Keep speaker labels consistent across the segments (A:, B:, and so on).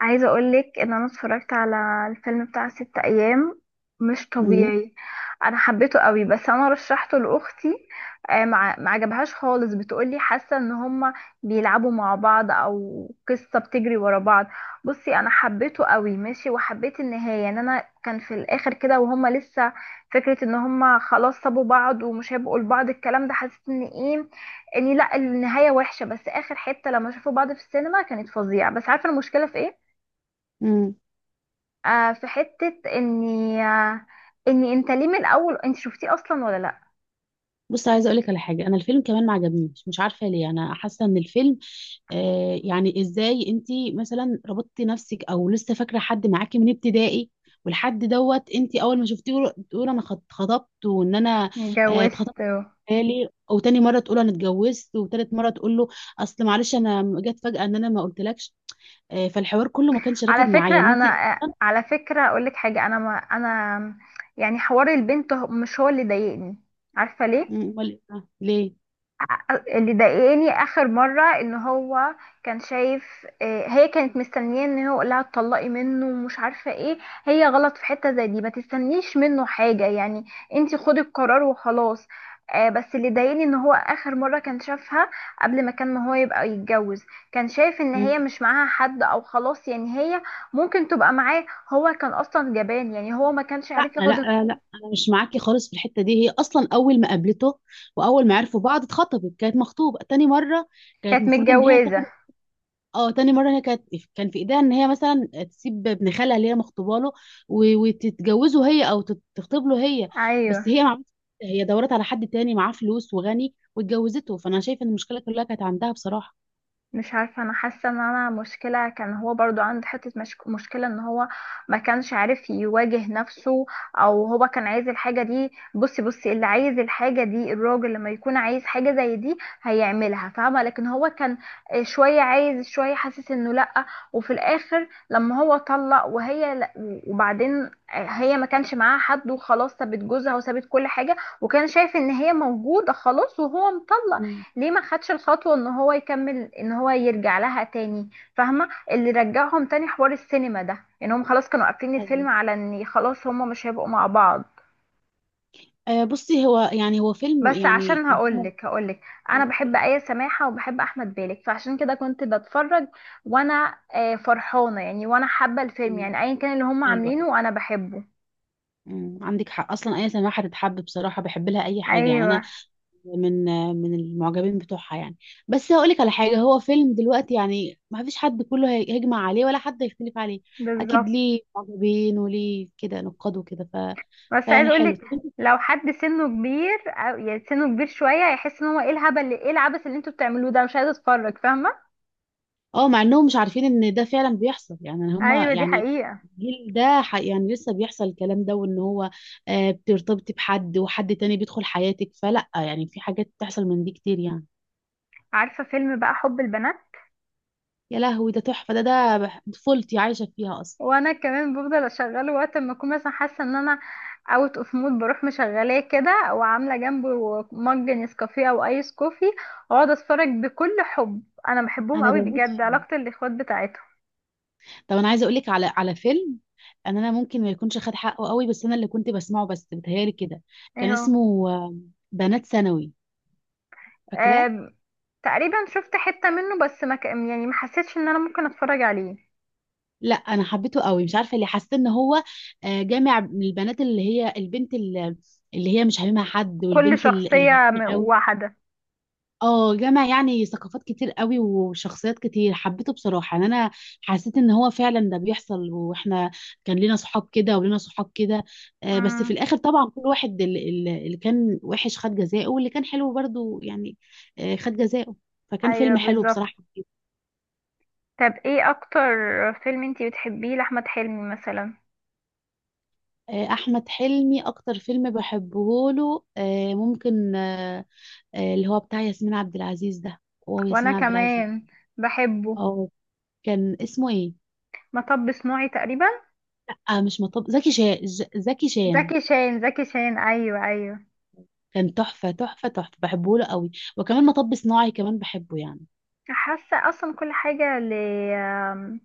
A: عايزة اقولك ان انا اتفرجت على الفيلم بتاع 6 ايام. مش
B: امم
A: طبيعي. انا حبيته قوي، بس انا رشحته لاختي. مع ما عجبهاش خالص، بتقولي حاسة ان هما بيلعبوا مع بعض او قصة بتجري ورا بعض. بصي، انا حبيته قوي، ماشي، وحبيت النهاية ان انا كان في الاخر كده وهما لسه فكرة ان هما خلاص سابوا بعض ومش هيبقوا لبعض. الكلام ده حسيت ان ايه، اني لا النهاية وحشة، بس اخر حتة لما شافوا بعض في السينما كانت فظيعة. بس عارفة المشكلة في ايه؟
B: امم
A: في حتة اني انت ليه من الاول؟ انت شفتيه اصلا ولا لا؟
B: بص، عايزه اقول لك على حاجه. انا الفيلم كمان ما عجبنيش، مش عارفه ليه. انا حاسه ان الفيلم يعني ازاي انت مثلا ربطتي نفسك او لسه فاكره حد معاكي من ابتدائي، والحد دوت انت اول ما شفتيه تقول انا خطبت، وان انا
A: اتجوزت
B: اتخطبت
A: و-
B: بالي، وتاني مره تقول انا اتجوزت، وتالت مره تقول له اصل معلش انا جت فجاه ان انا ما قلتلكش. فالحوار كله ما كانش
A: على
B: راكب معايا ان
A: فكرة
B: انت...
A: انا، على فكرة اقول لك حاجة، انا ما انا يعني. حوار البنت مش هو اللي ضايقني. عارفة ليه؟
B: امال إيه؟
A: اللي ضايقني اخر مره ان هو كان شايف، هي كانت مستنيه ان هو يقول لها اتطلقي منه ومش عارفه ايه. هي غلط في حته زي دي ما تستنيش منه حاجه يعني، انتي خدي القرار وخلاص. بس اللي ضايقني ان هو اخر مره كان شافها قبل ما كان ما هو يبقى يتجوز، كان شايف ان
B: ليه؟
A: هي مش معاها حد او خلاص، يعني هي ممكن تبقى معاه. هو كان اصلا جبان، يعني هو ما كانش
B: لا
A: عارف ياخد.
B: لا لا، انا مش معاكي خالص في الحته دي. هي اصلا اول ما قابلته واول ما عرفوا بعض اتخطبت، كانت مخطوبه تاني مره، كانت
A: كانت
B: المفروض ان هي تاخد.
A: متجوزه،
B: اه، تاني مره هي كانت كان في ايديها ان هي مثلا تسيب ابن خالها اللي هي مخطوبه له وتتجوزه هي، او تخطب له هي.
A: ايوه.
B: بس هي ما عملتش كده. هي دورت على حد تاني معاه فلوس وغني واتجوزته، فانا شايفه ان المشكله كلها كانت عندها بصراحه.
A: مش عارفة، أنا حاسة إن أنا مشكلة كان هو برضو عنده حتة مشكلة إن هو ما كانش عارف يواجه نفسه، أو هو كان عايز الحاجة دي. بصي بصي، اللي عايز الحاجة دي الراجل لما يكون عايز حاجة زي دي هيعملها، فاهمة؟ لكن هو كان شوية عايز شوية حاسس إنه لأ. وفي الآخر لما هو طلق وهي لا، وبعدين هي ما كانش معاها حد وخلاص، سابت جوزها وسابت كل حاجة، وكان شايف إن هي موجودة خلاص وهو مطلق.
B: مم.
A: ليه ما خدش الخطوة ان هو يكمل، ان هو يرجع لها تاني؟ فاهمة اللي رجعهم تاني؟ حوار السينما ده، ان هم خلاص كانوا قافلين
B: ايوه.
A: الفيلم على ان خلاص هم مش هيبقوا مع بعض.
B: بصي، هو يعني هو فيلم
A: بس
B: يعني
A: عشان
B: قدامه.
A: هقولك، انا
B: آه،
A: بحب آية سماحة وبحب احمد بالك، فعشان كده كنت بتفرج وانا فرحانة يعني، وانا حابة الفيلم،
B: مم.
A: يعني ايا كان اللي هم
B: ايوه.
A: عاملينه انا بحبه.
B: عندك حق، اصلا اي سماحه تتحب بصراحه، بحب لها اي حاجه يعني.
A: ايوه،
B: انا من من المعجبين بتوعها يعني. بس هقول لك على حاجه، هو فيلم دلوقتي يعني ما فيش حد كله هيجمع عليه ولا حد هيختلف عليه. اكيد
A: بالظبط.
B: ليه معجبين وليه كده نقاد وكده، ف...
A: بس عايز
B: فيعني حلو.
A: اقولك،
B: طب انت،
A: لو حد سنه كبير او يعني سنه كبير شويه هيحس ان هو ايه الهبل اللي ايه العبث اللي انتوا بتعملوه ده، مش عايزه اتفرج، فاهمه.
B: اه، مع انهم مش عارفين ان ده فعلا بيحصل يعني. هما
A: ايوه دي
B: يعني
A: حقيقه.
B: الجيل ده يعني لسه بيحصل الكلام ده، وان هو بترتبطي بحد وحد تاني بيدخل حياتك، فلا، يعني في حاجات بتحصل من دي كتير يعني.
A: عارفه فيلم بقى حب البنات؟
B: يا لهوي ده تحفه، طفولتي عايشه فيها اصلا.
A: وانا كمان بفضل اشغله وقت ما اكون مثلا حاسه ان انا اوت اوف مود، بروح مشغلاه كده وعامله جنبه مج نسكافيه او ايس كوفي واقعد اتفرج بكل حب. انا بحبهم
B: انا
A: قوي
B: بموت
A: بجد،
B: فيه.
A: علاقه الاخوات بتاعتهم.
B: طب انا عايزه اقول لك على فيلم، ان انا ممكن ما يكونش خد حقه قوي، بس انا اللي كنت بسمعه بس بتهيالي كده كان
A: ايوه.
B: اسمه بنات ثانوي، فاكراه؟
A: آم، تقريبا شفت حته منه، بس ما ك- يعني ما حسيتش ان انا ممكن اتفرج عليه.
B: لا، انا حبيته قوي، مش عارفه ليه. حسيت ان هو جامع من البنات، اللي هي البنت اللي اللي هي مش حبيبها حد،
A: كل
B: والبنت اللي
A: شخصية
B: غنيه
A: م-
B: قوي.
A: واحدة.
B: اه، جمع يعني ثقافات كتير قوي وشخصيات كتير، حبيته بصراحة يعني. انا حسيت ان هو فعلا ده بيحصل، واحنا كان لنا صحاب كده ولنا صحاب كده. بس في
A: امم،
B: الاخر طبعا كل واحد، اللي كان وحش خد جزاءه، واللي كان حلو برضو يعني خد جزاءه. فكان
A: ايوه
B: فيلم حلو
A: بالظبط.
B: بصراحة.
A: طب ايه اكتر فيلم انتي بتحبيه لاحمد حلمي مثلا؟
B: احمد حلمي اكتر فيلم بحبه له ممكن اللي هو بتاع ياسمين عبد العزيز ده. هو
A: وانا
B: ياسمين عبد العزيز.
A: كمان بحبه.
B: اه، كان اسمه ايه؟
A: مطب صناعي تقريبا.
B: مش مطب، زكي شان، زكي شان.
A: زكي شان زكي شان، ايوه ايوه.
B: كان تحفة تحفة تحفة، بحبه له قوي. وكمان مطب صناعي كمان بحبه يعني.
A: حاسه اصلا كل حاجه ل آم،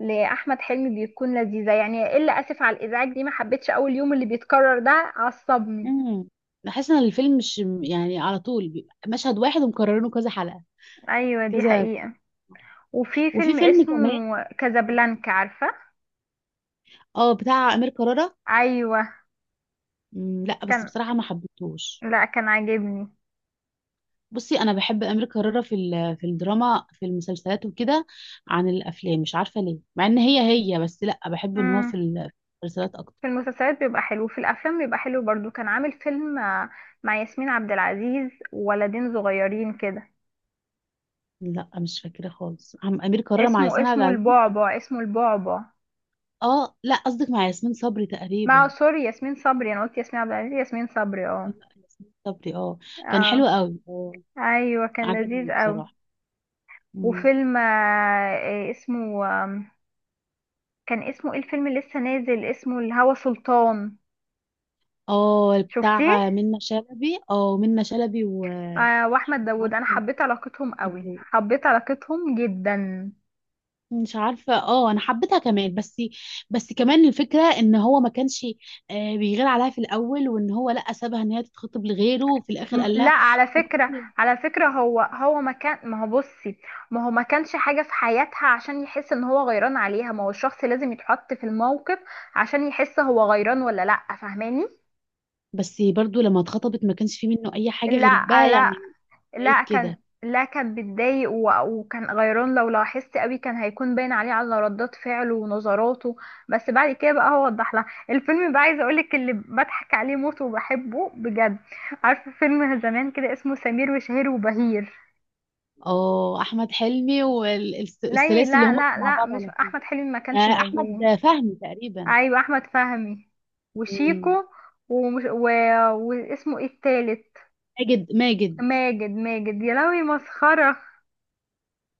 A: لاحمد حلمي بيكون لذيذه، يعني الا اسف على الازعاج دي ما حبيتش، اول يوم اللي بيتكرر ده عصبني.
B: امم بحس ان الفيلم مش يعني، على طول بيبقى مشهد واحد ومكررينه كذا حلقة
A: ايوه دي
B: كذا.
A: حقيقه. وفي
B: وفي
A: فيلم
B: فيلم
A: اسمه
B: كمان،
A: كازابلانكا، عارفه؟
B: اه، بتاع امير كرارة.
A: ايوه.
B: لا بس
A: كان،
B: بصراحة ما حبيتهوش.
A: لا كان عاجبني.
B: بصي، انا بحب امير كرارة في الدراما، في المسلسلات وكده. عن الافلام مش عارفة ليه، مع ان هي هي بس لا. بحب ان هو في
A: امم.
B: ال- في المسلسلات
A: في
B: اكتر.
A: المسلسلات بيبقى حلو، في الافلام بيبقى حلو برضو. كان عامل فيلم مع ياسمين عبد العزيز وولدين صغيرين كده.
B: لا، مش فاكرة خالص عم امير كرارة مع
A: اسمه
B: ياسمين عبد
A: اسمه
B: العزيز.
A: البعبع، اسمه البعبع.
B: اه لا، قصدك مع ياسمين صبري
A: مع
B: تقريبا.
A: سوري ياسمين صبري، انا قلت ياسمين عبد العزيز، ياسمين صبري، اه
B: لا، ياسمين صبري، اه. كان
A: اه.
B: حلو قوي، اه.
A: ايوه كان
B: عجبني
A: لذيذ قوي.
B: بصراحة. مم.
A: وفيلم إيه اسمه، كان اسمه ايه الفيلم اللي لسه نازل؟ اسمه الهوى سلطان.
B: اه،
A: شفتيه؟
B: بتاع منة شلبي، اه منة شلبي.
A: آه، واحمد داوود، انا حبيت علاقتهم قوي، حبيت علاقتهم جدا.
B: مش عارفة، اه. انا حبيتها كمان، بس بس كمان الفكرة ان هو ما كانش بيغير عليها في الاول، وان هو لا، سابها ان هي تتخطب لغيره، وفي الاخر قال
A: لا،
B: لها
A: على فكرة،
B: أكون-
A: على فكرة هو ما كان ما هو بصي، ما هو ما كانش حاجة في حياتها عشان يحس ان هو غيران عليها. ما هو الشخص لازم يتحط في الموقف عشان يحس هو غيران ولا لا، فاهماني؟
B: بس برضو لما اتخطبت ما كانش فيه منه اي حاجة غير
A: لا
B: بقى
A: لا
B: يعني. بعيد
A: لا، كان،
B: كده.
A: لا كان بيتضايق وكان غيران. لو لاحظت قوي كان هيكون باين عليه على ردات فعله ونظراته. بس بعد كده بقى هو وضح لها. الفيلم بقى عايزه اقولك اللي بضحك عليه موت وبحبه بجد، عارفه فيلم زمان كده اسمه سمير وشهير وبهير؟
B: اه، احمد حلمي
A: لا
B: والثلاثي اللي
A: لا
B: هم كانوا
A: لا
B: مع
A: لا،
B: بعض
A: مش
B: على
A: احمد حلمي ما كانش موجود.
B: احمد فهمي تقريبا.
A: ايوه، احمد فهمي وشيكو
B: مم.
A: ومش واسمه ايه التالت؟
B: ماجد ماجد.
A: ماجد، ماجد، يا لهوي مسخرة.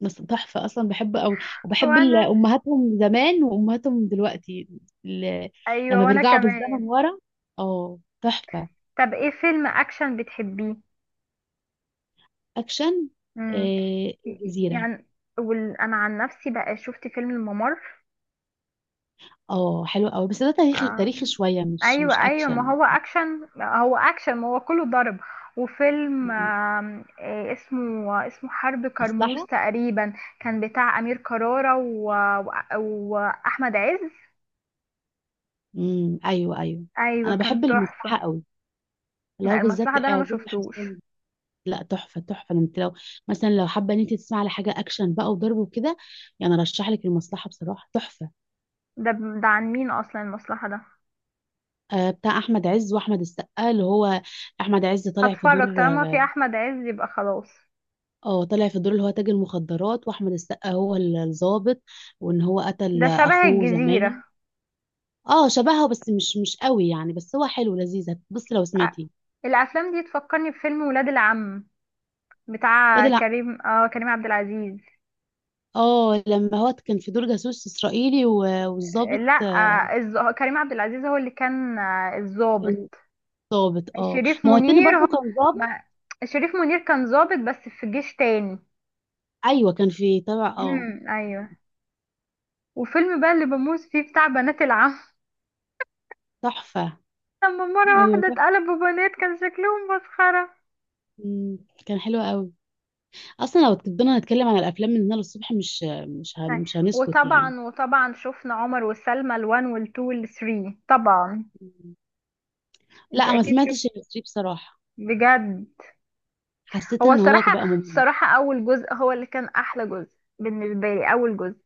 B: بس تحفه اصلا، بحبه قوي. وبحب
A: وانا،
B: امهاتهم زمان وامهاتهم دلوقتي ال-
A: ايوه
B: لما
A: وانا
B: بيرجعوا بالزمن
A: كمان.
B: ورا. اه تحفه.
A: طب ايه فيلم اكشن بتحبيه؟
B: اكشن.
A: امم،
B: الجزيره.
A: يعني، انا عن نفسي بقى شفت فيلم الممر.
B: اه حلو قوي، بس ده تاريخي
A: آه،
B: تاريخي شويه، مش
A: ايوه ايوه، ما
B: اكشن.
A: هو اكشن، هو اكشن، ما هو كله ضرب. وفيلم
B: مم.
A: إيه اسمه، اسمه حرب كرموز
B: مصلحه.
A: تقريبا. كان بتاع امير كرارة و... واحمد عز.
B: ايوه ايوه.
A: ايوه،
B: انا
A: كان
B: بحب
A: تحفة.
B: المصلحه قوي، اللي هو
A: لا، المصلحة ده
B: بالذات
A: انا ما
B: عادل
A: شفتوش.
B: الحصان. لا، تحفه تحفه، انت لو مثلا لو حابه ان انت تسمعي على حاجه اكشن بقى وضرب وكده، يعني ارشح لك المصلحه بصراحه، تحفه.
A: ده ده عن مين اصلا المصلحة ده؟
B: بتاع احمد عز واحمد السقا، اللي هو احمد عز طالع في دور.
A: هتفرج طالما في احمد عز يبقى خلاص.
B: اه، طالع في دور اللي هو تاجر المخدرات، واحمد السقا هو الضابط، وان هو قتل
A: ده شبه
B: اخوه زمان.
A: الجزيرة.
B: اه شبهها، بس مش قوي يعني، بس هو حلو لذيذ، بص لو
A: أ-
B: سمعتيه.
A: الافلام دي تفكرني بفيلم ولاد العم، بتاع
B: بدل لا.
A: كريم، كريم عبد العزيز.
B: اه لما هو كان في دور جاسوس اسرائيلي والضابط،
A: لا، كريم عبد العزيز هو اللي كان،
B: كان
A: الضابط.
B: ضابط. اه،
A: شريف
B: ما هو التاني
A: منير
B: برضه
A: هم،
B: كان ضابط.
A: ما شريف منير كان ضابط بس في جيش تاني.
B: ايوه، كان في تبع، اه.
A: امم، ايوه. وفيلم بقى اللي بموت فيه بتاع بنات العم.
B: تحفه.
A: لما مرة
B: ايوه
A: واحدة
B: تحفه.
A: اتقلبوا بنات كان شكلهم مسخرة.
B: مم، كان حلو قوي. اصلا لو فضلنا نتكلم عن الافلام من هنا للصبح،
A: أي.
B: مش هنسكت يعني.
A: وطبعا شفنا عمر وسلمى الوان والتو والثري طبعا.
B: مم.
A: انت
B: لا، ما
A: اكيد
B: سمعتش
A: شفتي؟
B: الاسطى بصراحه،
A: بجد؟
B: حسيت
A: هو
B: ان هو
A: الصراحة،
B: بقى ممل.
A: اول جزء هو اللي كان احلى جزء بالنسبة لي، اول جزء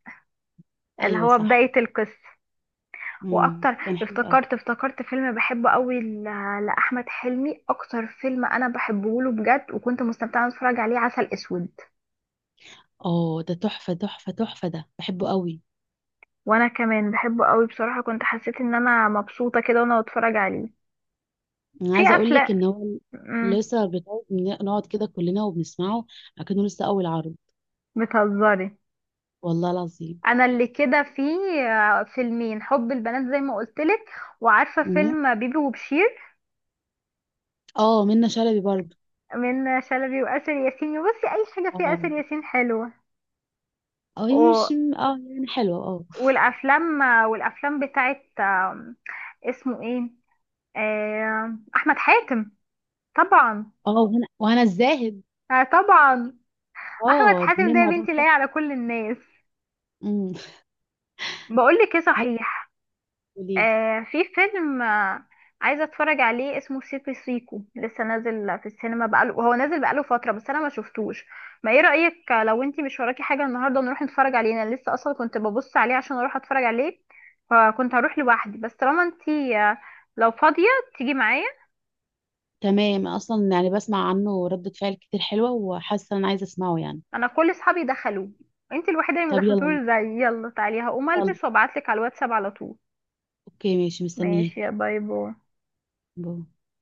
A: اللي
B: ايوه
A: هو
B: صح.
A: بداية القصة.
B: مم.
A: واكتر،
B: كان حلو قوي،
A: افتكرت فيلم بحبه قوي، لاحمد حلمي اكتر فيلم انا بحبه له بجد، وكنت مستمتعه وانا بتفرج عليه، عسل اسود.
B: اه. ده تحفه تحفه تحفه، ده بحبه قوي.
A: وانا كمان بحبه قوي بصراحه، كنت حسيت ان انا مبسوطه كده وانا بتفرج عليه.
B: انا
A: في
B: عايزه اقول
A: افلام.
B: لك ان هو
A: امم.
B: لسه بتاعي، نقعد كده كلنا وبنسمعه اكنه لسه اول عرض.
A: بتهزري؟
B: والله العظيم.
A: انا اللي كده، في فيلمين حب البنات زي ما قلت لك، وعارفه
B: مم.
A: فيلم بيبي وبشير،
B: اه منة شلبي برضه.
A: من شلبي واسر ياسين. بصي اي حاجه فيها
B: اه
A: اسر ياسين حلوه.
B: اه، يعني مش، اه يعني حلوة، اه.
A: والافلام والافلام بتاعت اسمه ايه، احمد حاتم طبعا.
B: اه، وهنا وهنا الزاهد.
A: طبعا، احمد
B: اه،
A: حاتم ده
B: اتنين
A: يا
B: مع بعض،
A: بنتي
B: صح.
A: لاقي على كل الناس.
B: امم
A: بقول لك ايه
B: حلو.
A: صحيح،
B: قوليلي.
A: في فيلم عايزة اتفرج عليه اسمه سيكو سيكو، لسه نازل في السينما بقاله، هو نازل بقاله فترة بس انا ما شفتوش. ما ايه رأيك لو انتي مش وراكي حاجة النهاردة نروح نتفرج عليه؟ انا لسه اصلا كنت ببص عليه عشان اروح اتفرج عليه، فكنت هروح لوحدي، بس طالما انتي لو فاضية تيجي معايا.
B: تمام، اصلا يعني بسمع عنه ردة فعل كتير حلوة، وحاسة ان انا عايزة اسمعه يعني.
A: انا كل اصحابي دخلوه، انتي الوحيدة اللي ما
B: طب
A: دخلتوش،
B: يلا.
A: زي يلا تعالي، هقوم
B: يلا.
A: البس وابعتلك على الواتساب على طول.
B: اوكي ماشي، مستنياك.
A: ماشي، يا، باي باي.
B: باي.